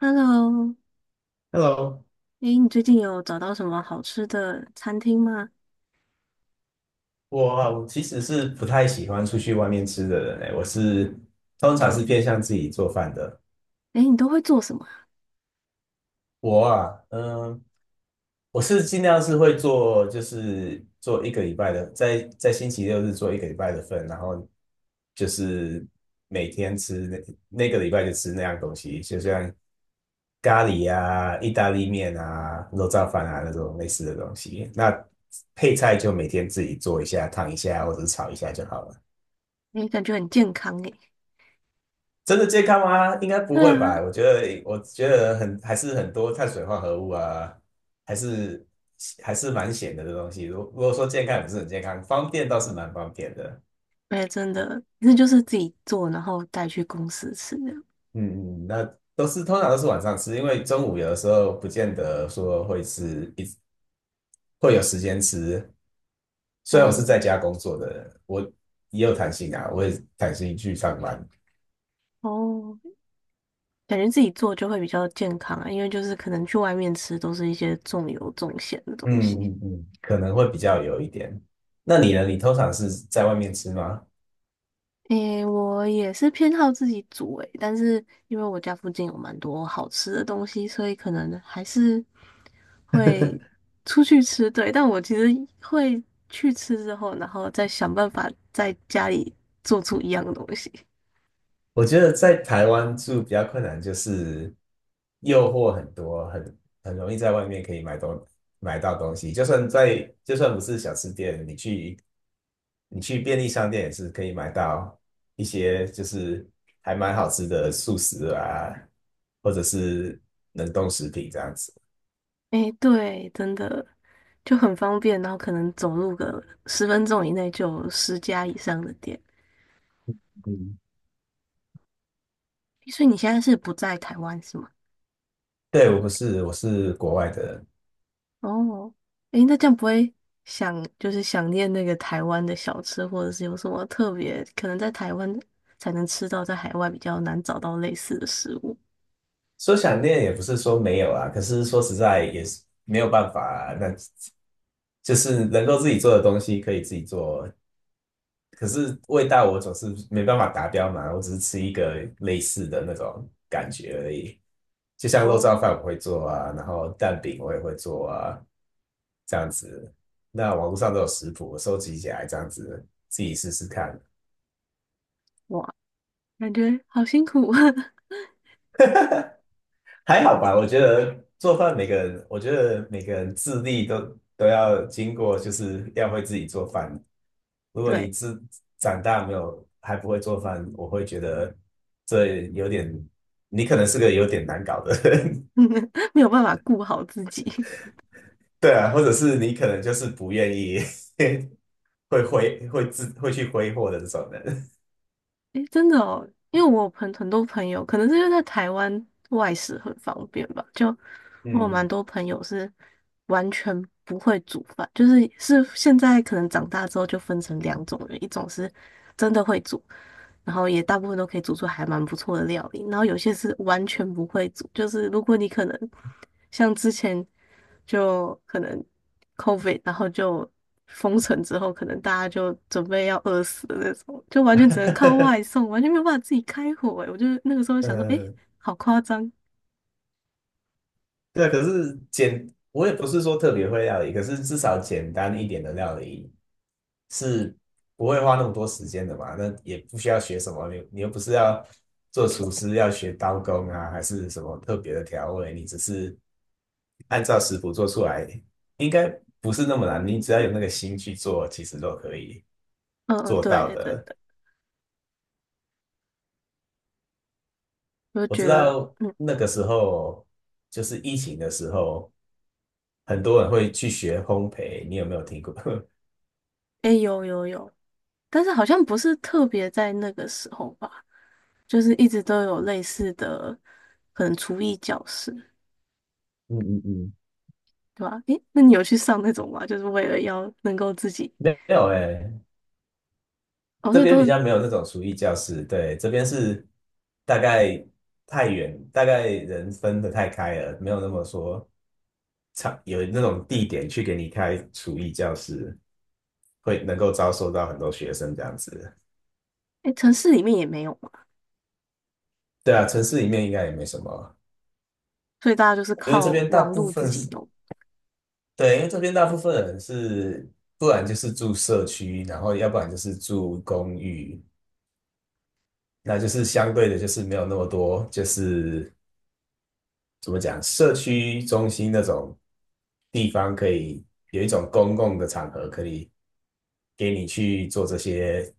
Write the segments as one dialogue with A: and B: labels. A: Hello，
B: Hello，
A: 诶，你最近有找到什么好吃的餐厅吗？
B: 我其实是不太喜欢出去外面吃的人诶，我通常是偏向自己做饭的。
A: 诶，你都会做什么啊？
B: 我啊，我尽量会做，就是做一个礼拜的，在星期六日做一个礼拜的份，然后就是每天吃那个礼拜就吃那样东西，就像咖喱啊、意大利面啊、肉燥饭啊那种类似的东西。那配菜就每天自己做一下、烫一下或者是炒一下就好了。
A: 诶，感觉很健康诶。
B: 真的健康吗？应该不
A: 对
B: 会
A: 啊，
B: 吧？我觉得很还是很多碳水化合物啊，还是还是蛮咸的这东西。如果说健康也不是很健康，方便倒是蛮方便的。
A: 诶，真的，那就是自己做，然后带去公司吃的。
B: 嗯嗯。通常都是晚上吃，因为中午有的时候不见得说会吃，会有时间吃。虽然我是
A: 哦
B: 在家工作的人，我也有弹性啊，我也弹性去上班。
A: 哦，感觉自己做就会比较健康啊，因为就是可能去外面吃都是一些重油重咸的东
B: 嗯
A: 西。
B: 嗯嗯，可能会比较有一点。那你呢？你通常是在外面吃吗？
A: 诶，我也是偏好自己煮诶，但是因为我家附近有蛮多好吃的东西，所以可能还是会出去吃，对，但我其实会去吃之后，然后再想办法在家里做出一样的东西。
B: 我觉得在台湾住比较困难，就是诱惑很多，很容易在外面可以买到东西。就算不是小吃店，你去便利商店也是可以买到一些就是还蛮好吃的素食啊，或者是冷冻食品这样子。
A: 诶，对，真的就很方便，然后可能走路个10分钟以内就有10家以上的店。
B: 嗯，
A: 所以你现在是不在台湾是吗？
B: 对，我不是，我是国外的人。
A: 哦，诶，那这样不会想就是想念那个台湾的小吃，或者是有什么特别可能在台湾才能吃到，在海外比较难找到类似的食物？
B: 说想念也不是说没有啊，可是说实在也是没有办法啊，那就是能够自己做的东西可以自己做，可是味道我总是没办法达标嘛，我只是吃一个类似的那种感觉而已。就像肉燥
A: 哦，
B: 饭我会做啊，然后蛋饼我也会做啊，这样子。那网络上都有食谱，我收集起来这样子自己试试看。
A: 哇。感觉好辛苦。
B: 还好吧？我觉得每个人自立都要经过，就是要会自己做饭。如 果你
A: 对，
B: 自长大没有还不会做饭，我会觉得这有点，你可能是个有点难搞的人，
A: 没有办法顾好自己。
B: 对啊，或者是你可能就是不愿意 会去挥霍的这种人，
A: 诶，真的哦，因为我有很多朋友，可能是因为在台湾外食很方便吧，就我有蛮
B: 嗯，
A: 多朋友是完全不会煮饭，就是现在可能长大之后就分成两种人，一种是真的会煮，然后也大部分都可以煮出还蛮不错的料理，然后有些是完全不会煮，就是如果你可能像之前。就可能 COVID，然后就封城之后，可能大家就准备要饿死的那种，就完全只能靠外 送，完全没有办法自己开火、欸。我就那个时候想说，诶，
B: 呃，
A: 好夸张。
B: 对。可是简，我也不是说特别会料理，可是至少简单一点的料理是不会花那么多时间的嘛。那也不需要学什么，你又不是要做厨师，要学刀工啊，还是什么特别的调味，你只是按照食谱做出来，应该不是那么难。你只要有那个心去做，其实都可以
A: 嗯嗯，
B: 做到
A: 对，真
B: 的。
A: 的，我就
B: 我知
A: 觉得，
B: 道那个时候就是疫情的时候，很多人会去学烘焙，你有没有听过？
A: 诶，有有有，但是好像不是特别在那个时候吧，就是一直都有类似的，可能厨艺教室，
B: 嗯嗯嗯，
A: 对吧？诶，那你有去上那种吗？就是为了要能够自己，
B: 没有哎、
A: 哦，
B: 这
A: 对，
B: 边
A: 都，
B: 比较没有那种厨艺教室，对，这边是大概太远，大概人分的太开了，没有那么说场有那种地点去给你开厨艺教室，会能够招收到很多学生这样子。
A: 诶，城市里面也没有。
B: 对啊，城市里面应该也没什么，
A: 所以大家就是
B: 因为这
A: 靠
B: 边大
A: 网
B: 部
A: 络自
B: 分
A: 己
B: 是，
A: 弄，
B: 对，因为这边大部分人是，不然就是住社区，然后要不然就是住公寓。那就是相对的，就是没有那么多，就是怎么讲，社区中心那种地方，可以有一种公共的场合，可以给你去做这些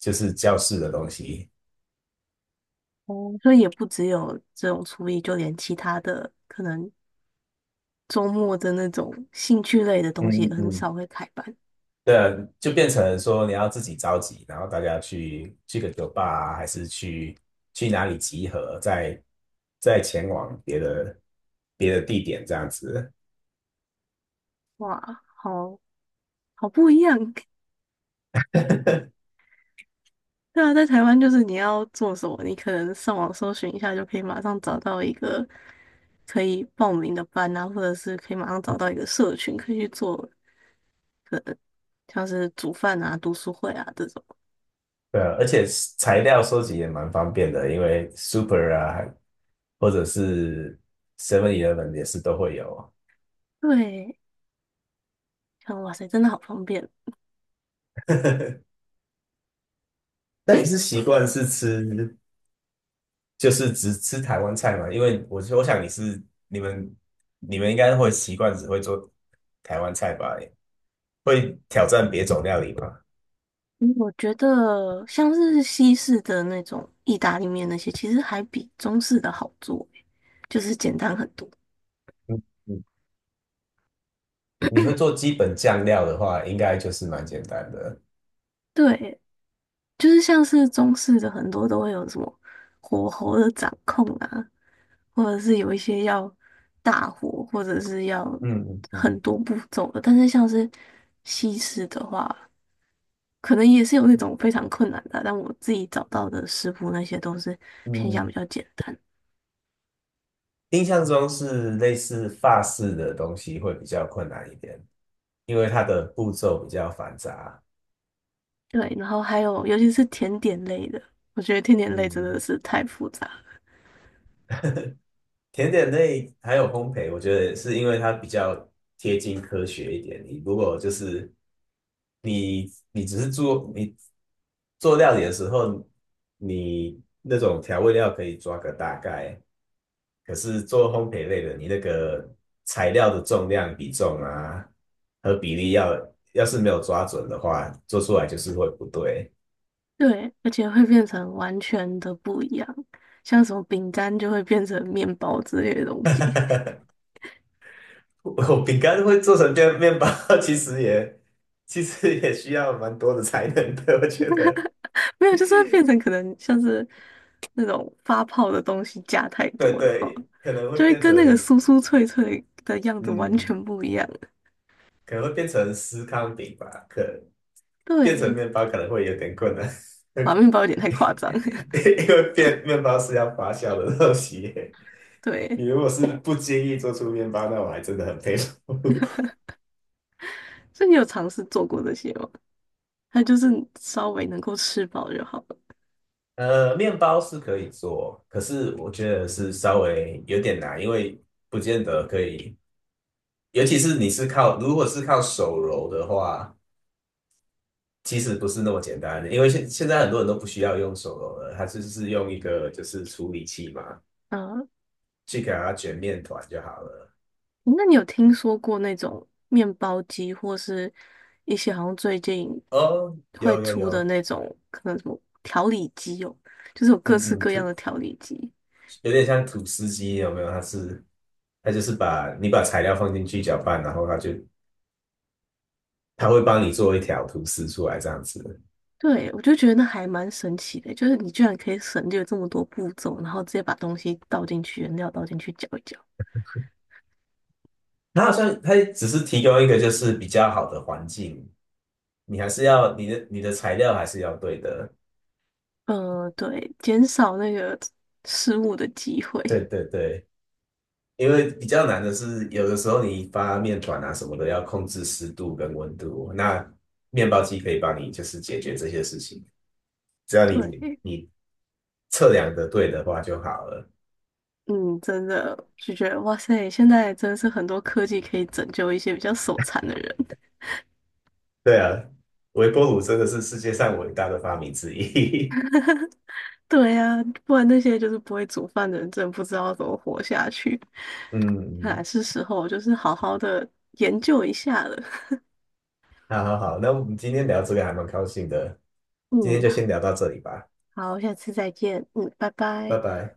B: 就是教室的东西。
A: 哦，所以也不只有这种厨艺，就连其他的可能周末的那种兴趣类的东西也
B: 嗯嗯
A: 很
B: 嗯，
A: 少会开班。
B: 对啊，就变成说你要自己召集，然后大家去个酒吧啊，还是去哪里集合，再前往别的地点这样子。
A: 哇，好不一样。对啊，在台湾就是你要做什么，你可能上网搜寻一下就可以马上找到一个可以报名的班啊，或者是可以马上找到一个社群可以去做，可能像是煮饭啊、读书会啊这种。
B: 对啊，而且材料收集也蛮方便的，因为 Super 啊，或者是 Seven Eleven 也是都会有。
A: 对，像哇塞，真的好方便。
B: 那你是习惯是吃，就是只吃台湾菜吗？因为我想你们你们应该会习惯只会做台湾菜吧？会挑战别种料理吗？
A: 嗯我觉得像是西式的那种意大利面那些，其实还比中式的好做欸，就是简单很多。
B: 嗯嗯，你会做基本酱料的话，应该就是蛮简单的。
A: 对，就是像是中式的很多都会有什么火候的掌控啊，或者是有一些要大火，或者是要
B: 嗯嗯
A: 很多步骤的。但是像是西式的话，可能也是有那种非常困难的啊但我自己找到的食谱那些都是偏
B: 嗯
A: 向比
B: 嗯，
A: 较简单。
B: 印象中是类似法式的东西会比较困难一点，因为它的步骤比较繁杂。
A: 对，然后还有尤其是甜点类的，我觉得甜点类真的
B: 嗯。
A: 是太复杂了，
B: 甜点类还有烘焙，我觉得是因为它比较贴近科学一点。你如果就是你你只是做你做料理的时候，你那种调味料可以抓个大概，可是做烘焙类的，你那个材料的重量比重啊和比例要是没有抓准的话，做出来就是会不对。
A: 对，而且会变成完全的不一样，像什么饼干就会变成面包之类的东西，
B: 我饼干会做成面包，其实也其实也需要蛮多的才能的，我觉得。
A: 没有，就是会变成可能像是那种发泡的东西加太
B: 对
A: 多了哈，
B: 对，可能会
A: 就会
B: 变
A: 跟那个
B: 成
A: 酥酥脆脆的样子完
B: 嗯，
A: 全不一样。
B: 可能会变成司康饼吧，可变成
A: 对，
B: 面包可能会有点困难，
A: 好，面包有点太夸张，
B: 因为变面包是要发酵的东西。你
A: 对，
B: 如果是不介意做出面包，那我还真的很佩服。
A: 所以你有尝试做过这些吗？它就是稍微能够吃饱就好了。
B: 呃，面包是可以做，可是我觉得是稍微有点难，因为不见得可以。尤其是你是靠，如果是靠手揉的话，其实不是那么简单的，因为现在很多人都不需要用手揉了，他就是用一个就是处理器嘛，
A: 嗯，
B: 去给它卷面团就好了。
A: 那你有听说过那种面包机，或是一些好像最近
B: 哦，
A: 会
B: 有有
A: 出的
B: 有，
A: 那种，可能什么调理机哦，就是有各
B: 嗯
A: 式
B: 嗯，
A: 各样的调理机。
B: 有点像吐司机，有没有？它就是把你把材料放进去搅拌，然后它会帮你做一条吐司出来这样子。
A: 对，我就觉得那还蛮神奇的，就是你居然可以省略这么多步骤，然后直接把东西倒进去，原料倒进去搅一搅。
B: 它好像它只是提供一个就是比较好的环境，你还是要你的材料还是要对的。
A: 对，减少那个失误的机会。
B: 对对对。因为比较难的是，有的时候你发面团啊什么的，要控制湿度跟温度。那面包机可以帮你就是解决这些事情，只要你
A: 对，
B: 你测量的对的话就好了。
A: 嗯，真的就觉得哇塞，现在真的是很多科技可以拯救一些比较手残的人。
B: 对啊，微波炉真的是世界上伟大的发明之一。
A: 对呀、不然那些就是不会煮饭的人，真的不知道怎么活下去。看来
B: 嗯，
A: 是时候就是好好的研究一下了。
B: 好好好，那我们今天聊这个还蛮高兴的，今天
A: 嗯，
B: 就先聊到这里吧，
A: 好，下次再见。嗯，拜
B: 拜
A: 拜。
B: 拜。